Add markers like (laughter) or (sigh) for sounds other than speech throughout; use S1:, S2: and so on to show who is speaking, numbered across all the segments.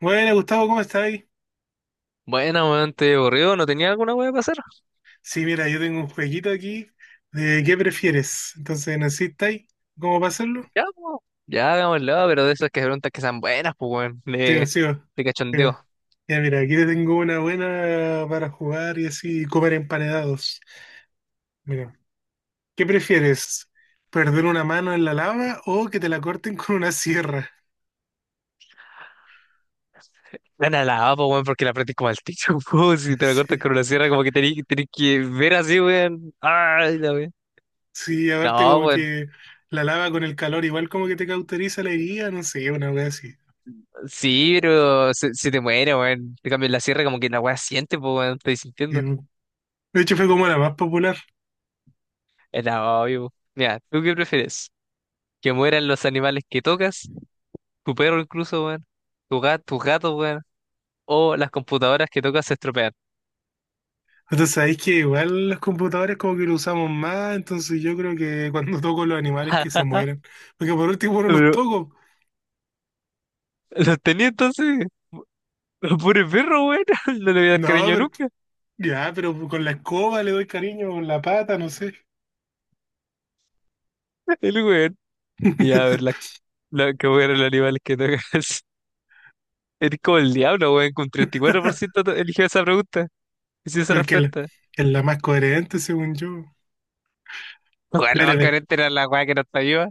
S1: Bueno, Gustavo, ¿cómo estáis?
S2: Bueno, weón, te aburrido, ¿no tenía alguna weá para hacer?
S1: Sí, mira, yo tengo un jueguito aquí de qué prefieres. Entonces, ¿necesitáis cómo pasarlo?
S2: Ya, po. Ya, hagámoslo, pero de esas que preguntas que sean buenas, pues, weón,
S1: Sigo,
S2: de,
S1: sigo.
S2: de
S1: Mira,
S2: cachondeo.
S1: ya, mira, aquí te tengo una buena para jugar y así comer emparedados. Mira, ¿qué prefieres? ¿Perder una mano en la lava o que te la corten con una sierra?
S2: Gana la A, pues, weón, porque la aprendí como al techo, (laughs) po, si te la
S1: (laughs) Sí,
S2: cortas con una sierra, como que tenés que ver así, weón. Ay, la weá.
S1: sí, aparte
S2: No,
S1: como
S2: weón,
S1: que la lava con el calor igual como que te cauteriza la herida, no sé, una wea así.
S2: sí, pero se te muere, weón. Te cambias la sierra, como que la weá siente, pues, weón, estoy
S1: Y,
S2: sintiendo.
S1: de hecho fue como la más popular.
S2: Es la obvio. Mira, ¿tú qué prefieres? ¿Que mueran los animales que tocas? ¿Tu perro incluso, weón? ¿Tu gato, tus gatos, weón? ¿O las computadoras que tocas se estropean?
S1: Entonces sabéis que igual los computadores como que lo usamos más, entonces yo creo que cuando (laughs) toco los animales que se
S2: Ah,
S1: mueren, porque por último no los
S2: pero
S1: toco.
S2: los tenía entonces, (laughs) pobre perro, weón. (laughs) No le voy a dar
S1: No,
S2: cariño
S1: pero
S2: nunca,
S1: ya, pero con la escoba le doy cariño, con la pata, no sé.
S2: el weón. Y a ver,
S1: (laughs)
S2: que voy a ver los animales que tocas. (laughs) Eres como el diablo, weón, con 34% eligió esa pregunta. Y si esa
S1: Pero es que
S2: respuesta.
S1: es la más coherente, según yo.
S2: (laughs) Weón, la
S1: Dale,
S2: más
S1: ve.
S2: carente era la weá que no está viva.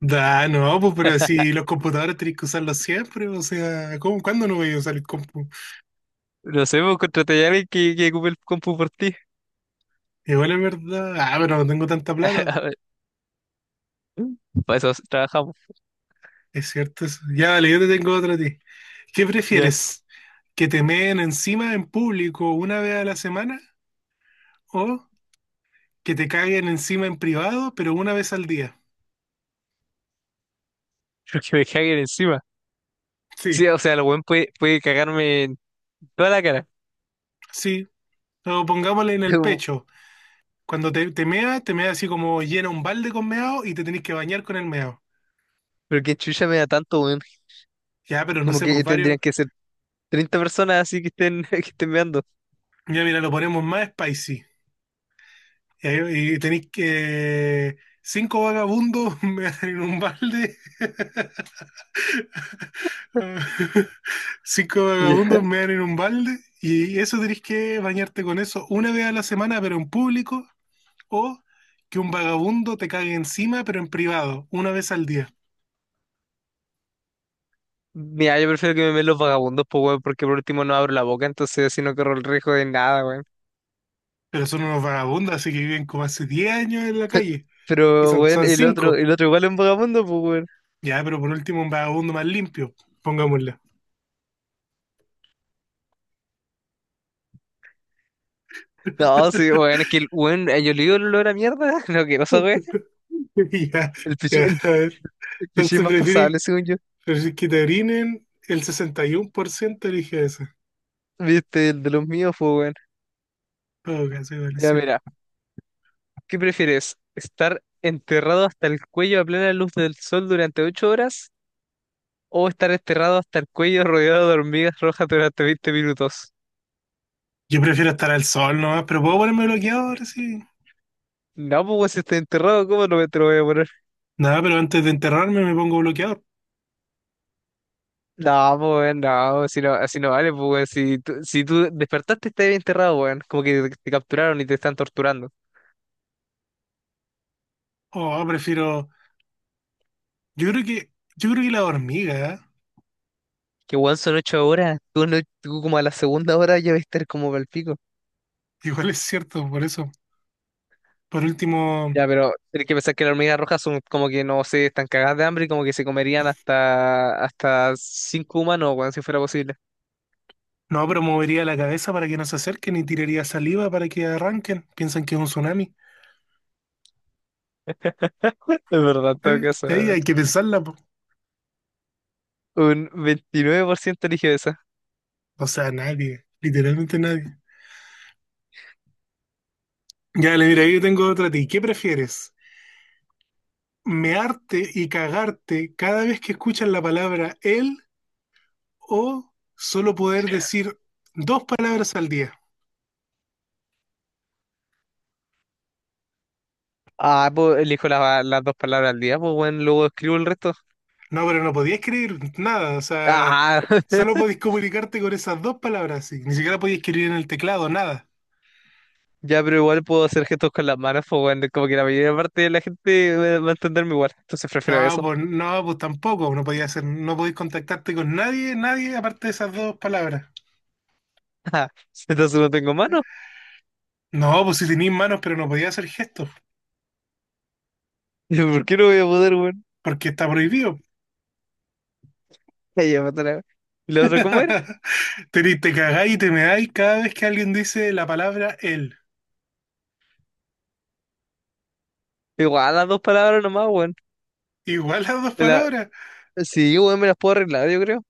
S1: Da, no, pues pero si los computadores tenéis que usarlos siempre, o sea, cuándo no voy a usar el compu?
S2: No sé, pues contraté a alguien que ocupe el compu por ti.
S1: Igual es verdad. Ah, pero no tengo tanta
S2: (laughs)
S1: plata.
S2: A ver, para eso trabajamos.
S1: Es cierto eso. Ya, vale, yo te tengo otra a ti. ¿Qué
S2: Ya.
S1: prefieres? ¿Que te meen encima en público una vez a la semana o que te caguen encima en privado, pero una vez al día?
S2: Pero que me caguen encima.
S1: Sí,
S2: Sí, o sea, el weón puede cagarme en toda la cara.
S1: sí. O pongámosle en
S2: (laughs)
S1: el
S2: Como,
S1: pecho. Cuando te meas así como llena un balde con meado y te tenés que bañar con el meado.
S2: pero que chucha me da tanto, weón.
S1: Ya, pero no
S2: Como
S1: sé, pues
S2: que
S1: varios.
S2: tendrían que ser 30 personas así que estén, (laughs) que estén meando.
S1: Ya, mira, lo ponemos más spicy. Y, y tenéis que, cinco vagabundos (laughs) me en un balde. Ah, (laughs) cinco vagabundos
S2: Ya.
S1: mean en un balde y eso tenés que bañarte con eso una vez a la semana, pero en público, o que un vagabundo te cague encima, pero en privado, una vez al día.
S2: Mira, yo prefiero que me meen los vagabundos, pues, weón, porque por último no abro la boca, entonces así no corro el riesgo de nada, weón.
S1: Pero son unos vagabundos, así que viven como hace 10 años en la
S2: (laughs)
S1: calle. Y
S2: Pero,
S1: son,
S2: weón,
S1: son
S2: el otro,
S1: cinco.
S2: el otro igual es un vagabundo, pues, weón.
S1: Ya, pero por último un vagabundo más limpio, pongámosle.
S2: No, sí, weón, es que el weón, yo le digo el olor a mierda, (laughs) no, que pasa, weón.
S1: (laughs) Ya,
S2: El pichi,
S1: ya,
S2: el,
S1: a ver.
S2: el pichi
S1: Entonces
S2: más pasable,
S1: prefieren
S2: según yo.
S1: que te orinen, el 61% elige eso.
S2: Viste, el de los míos, pues, weón.
S1: Todo caso, igual es.
S2: Ya, mira, ¿qué prefieres? ¿Estar enterrado hasta el cuello a plena luz del sol durante 8 horas? ¿O estar enterrado hasta el cuello rodeado de hormigas rojas durante 20 minutos?
S1: Yo prefiero estar al sol nomás, pero puedo ponerme bloqueador, sí.
S2: No, pues, weón, si estoy enterrado, ¿cómo no me te lo voy a poner?
S1: Nada, pero antes de enterrarme me pongo bloqueador.
S2: No, pues, weón, no, si no, así no vale, pues, weón. Si tú despertaste, estás bien enterrado, weón. Como que te capturaron y te están torturando.
S1: O prefiero. Yo creo que. Yo creo que la hormiga, ¿eh?
S2: Que, weón, son 8 horas. Tú, no- tú como a la segunda hora ya vas a estar como para el pico.
S1: (laughs) Igual es cierto, por eso. Por último,
S2: Ya, pero tienes que pensar que las hormigas rojas son como que, no sé, están cagadas de hambre y como que se comerían hasta cinco humanos, weón, si fuera posible.
S1: no, pero movería la cabeza para que no se acerquen y tiraría saliva para que arranquen. Piensan que es un tsunami.
S2: (laughs) Es verdad, en todo
S1: Eh,
S2: caso,
S1: hay que pensarla, po.
S2: un 29% eligió esa.
S1: O sea, nadie. Literalmente nadie. Ya, le mira, yo tengo otra a ti. ¿Qué prefieres? ¿Mearte y cagarte cada vez que escuchas la palabra él o solo poder decir dos palabras al día?
S2: Ah, pues elijo las dos palabras al día, pues bueno, luego escribo el resto.
S1: No, pero no podías escribir nada, o sea,
S2: Ah,
S1: solo
S2: (laughs)
S1: podías comunicarte con esas dos palabras, sí. Ni siquiera podías escribir en el teclado, nada.
S2: ya, pero igual puedo hacer gestos con las manos, pues bueno, como que la mayor parte de la gente va a entenderme igual, entonces prefiero
S1: No,
S2: eso.
S1: pues no, pues tampoco, no podías hacer, no podías contactarte con nadie, aparte de esas dos palabras.
S2: (laughs) Ah, entonces no tengo manos,
S1: No, pues si tenías manos, pero no podías hacer gestos,
S2: (laughs) ¿por qué no voy a poder, weón?
S1: porque está prohibido.
S2: Ahí ya, puta la- ¿Y la otra cómo era?
S1: (laughs) Te cagáis y te meáis cada vez que alguien dice la palabra él.
S2: Igual las dos palabras nomás, weón.
S1: Igual las dos
S2: Me la-
S1: palabras.
S2: Sí, weón, me las puedo arreglar, yo creo.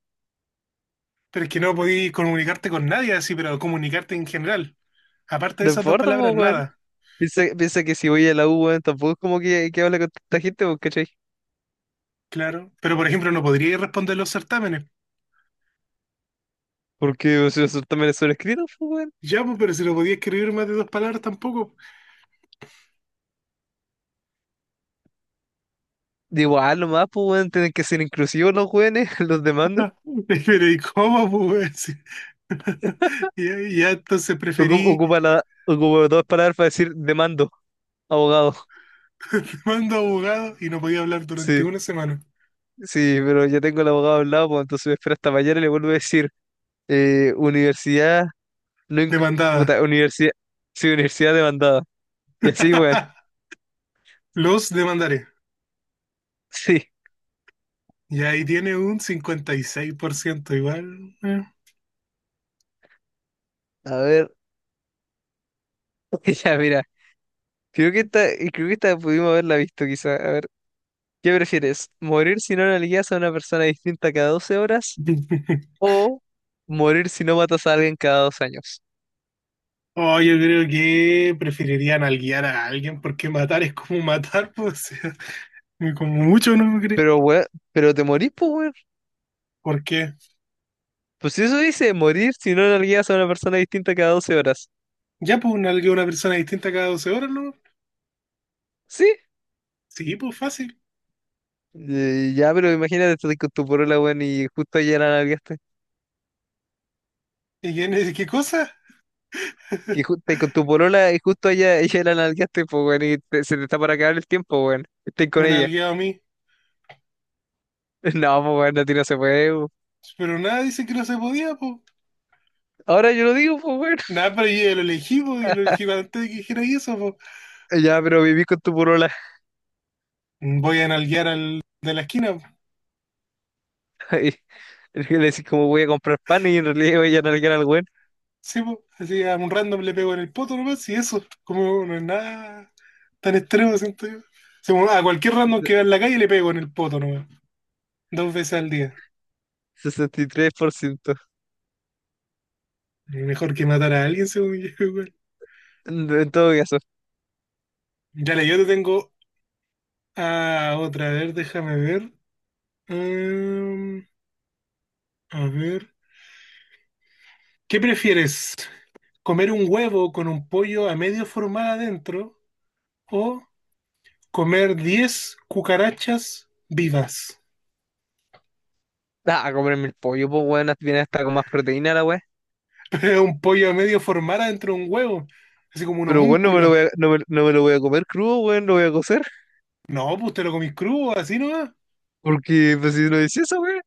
S1: Pero es que no podí comunicarte con nadie así, pero comunicarte en general. Aparte de
S2: No
S1: esas dos
S2: importa,
S1: palabras,
S2: pues, weón.
S1: nada.
S2: Piensa, piensa que si voy a la U, weón, tampoco es como que, hable con tanta gente, pues, ¿cachai?
S1: Claro. Pero por ejemplo, no podría responder los certámenes.
S2: Porque o sea, eso también es sobrescrito, pues, weón.
S1: Ya, pues, pero si no podía escribir más de dos palabras tampoco.
S2: Digo, ah, nomás, pues, weón, tienen que ser inclusivos los jóvenes, (laughs) los demandos.
S1: (laughs) Pero ¿y cómo, pues? (laughs) Ya, ya, entonces
S2: Ocu-
S1: preferí,
S2: Ocupa, la, ocupa dos palabras para decir demando, abogado.
S1: te mando a abogado y no podía hablar durante
S2: Sí,
S1: una semana.
S2: sí, pero ya tengo el abogado al lado, pues, entonces me espero hasta mañana y le vuelvo a decir, universidad, no,
S1: Demandada.
S2: puta, universidad, sí, universidad demandada. Y así, weón, (laughs)
S1: (laughs) Los demandaré.
S2: sí.
S1: Y ahí tiene un 56% igual.
S2: A ver, (laughs) ya, mira, creo que esta, creo que esta pudimos haberla visto, quizá. A ver, ¿qué prefieres? ¿Morir si no analizas a una persona distinta cada 12 horas?
S1: (laughs)
S2: ¿O morir si no matas a alguien cada 2 años?
S1: Oh, yo creo que preferirían nalguear a alguien porque matar es como matar, (laughs) pues, o sea, (laughs) como mucho, ¿no me crees?
S2: Pero, weón, pero te morís, pues, weón.
S1: ¿Por qué?
S2: Pues si eso dice, morir si no nalgueas a una persona distinta cada 12 horas.
S1: Ya, pues, nalgueo a una persona distinta cada 12 horas, ¿no?
S2: ¿Sí?
S1: Sí, pues, fácil.
S2: Ya, pero imagínate, estás con tu porola, weón, y justo ayer la nalgueaste.
S1: ¿Y quién es? ¿Qué cosa?
S2: Que
S1: (laughs)
S2: estás con tu porola y justo ella (laughs) la nalgueaste, pues, weón, y se te está para acabar el tiempo, weón. Estás
S1: Me
S2: con ella.
S1: nalgueaba a mí.
S2: (laughs) No, pues, weón, a ti no se puede, weón.
S1: Pero nada, dice que no se podía, pues.
S2: Ahora yo lo digo, pues, weón. (laughs)
S1: Nada, pero yo ya lo elegí, po, y lo elegí antes de que dijera eso, pues.
S2: Ya, pero viví con tu porola.
S1: Voy a nalguear al de la esquina, po.
S2: (laughs) Y le decís como voy a comprar pan y en realidad voy a nalguear al weón.
S1: Sí, po, así a un random le pego en el poto nomás y eso, como no es nada tan extremo, siento yo. Sí, bueno, a cualquier random que va en la calle le pego en el poto nomás, dos veces al día.
S2: 63%.
S1: Mejor que matar a alguien, según yo, (laughs) igual.
S2: En todo caso.
S1: Dale, yo te tengo a otra, a ver, déjame ver. Mm, a ver, ¿qué prefieres? ¿Comer un huevo con un pollo a medio formar adentro o comer 10 cucarachas vivas?
S2: Ah, a comerme el pollo, pues, weón. Viene hasta con más proteína la weá.
S1: (laughs) Es un pollo a medio formar adentro de un huevo, así como un
S2: Pero, weón, no me lo
S1: homúnculo.
S2: voy a, no me, no me lo voy a comer crudo, weón. Lo voy a cocer.
S1: No, pues te lo comís crudo, así nomás.
S2: Porque, pues, si no hice eso, weón.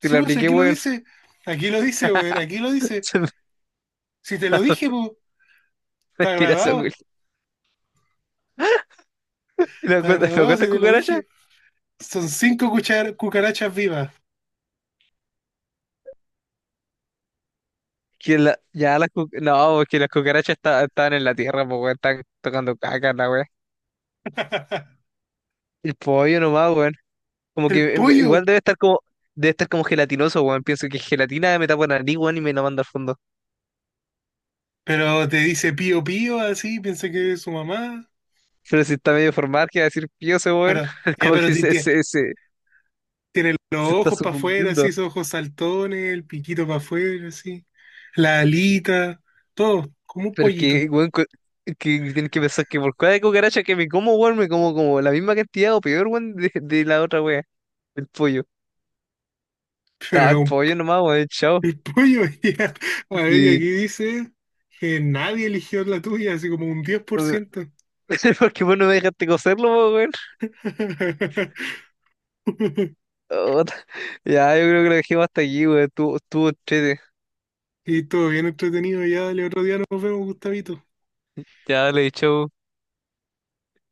S2: Que
S1: Sí,
S2: la
S1: pues
S2: apliqué, weón.
S1: aquí lo dice, weón, aquí lo
S2: (laughs)
S1: dice.
S2: Se me
S1: Si te lo dije, pues, está
S2: tira esa
S1: grabado,
S2: weón. ¿Y la
S1: está
S2: cuenta, la
S1: grabado si
S2: cuenta
S1: te lo
S2: cucaracha?
S1: dije. Son cinco cucarachas vivas.
S2: Que la, ya las cu- No, porque las cucarachas estaban en la tierra, pues, weón. Están tocando caca, la weá.
S1: (laughs)
S2: El pollo nomás, weón. Como
S1: El
S2: que igual
S1: pollo,
S2: debe estar como. Debe estar como gelatinoso, weón. Pienso que es gelatina me tapa la nariz, weón, y me la manda al fondo.
S1: pero te dice pío pío, así, piensa que es su mamá.
S2: Pero si está medio formal, que va a decir pío ese weón,
S1: Pero,
S2: (laughs)
S1: ya,
S2: como
S1: pero
S2: que se, se, se,
S1: tiene los
S2: se está
S1: ojos para afuera, así,
S2: sucumbiendo.
S1: esos ojos saltones, el piquito para afuera, así, la alita, todo, como un
S2: Pero
S1: pollito.
S2: que, weón, que tienen que pensar que por cada cucaracha que me como, weón, me como como la misma cantidad o peor, weón, de la otra wea, el pollo. Ah, el
S1: Pero
S2: pollo nomás, weón, chao.
S1: el pollo, (laughs) ya. A ver, y
S2: Sí.
S1: aquí dice que nadie eligió la tuya, así como un diez por
S2: (laughs)
S1: ciento
S2: Porque vos no me dejaste cocerlo, po, weón.
S1: (laughs)
S2: Oh, (laughs) ya, yo creo que lo dejemos hasta aquí, weón. Tú entrete.
S1: Y todo bien entretenido, ya dale otro día nos vemos, Gustavito.
S2: Ya, le chao.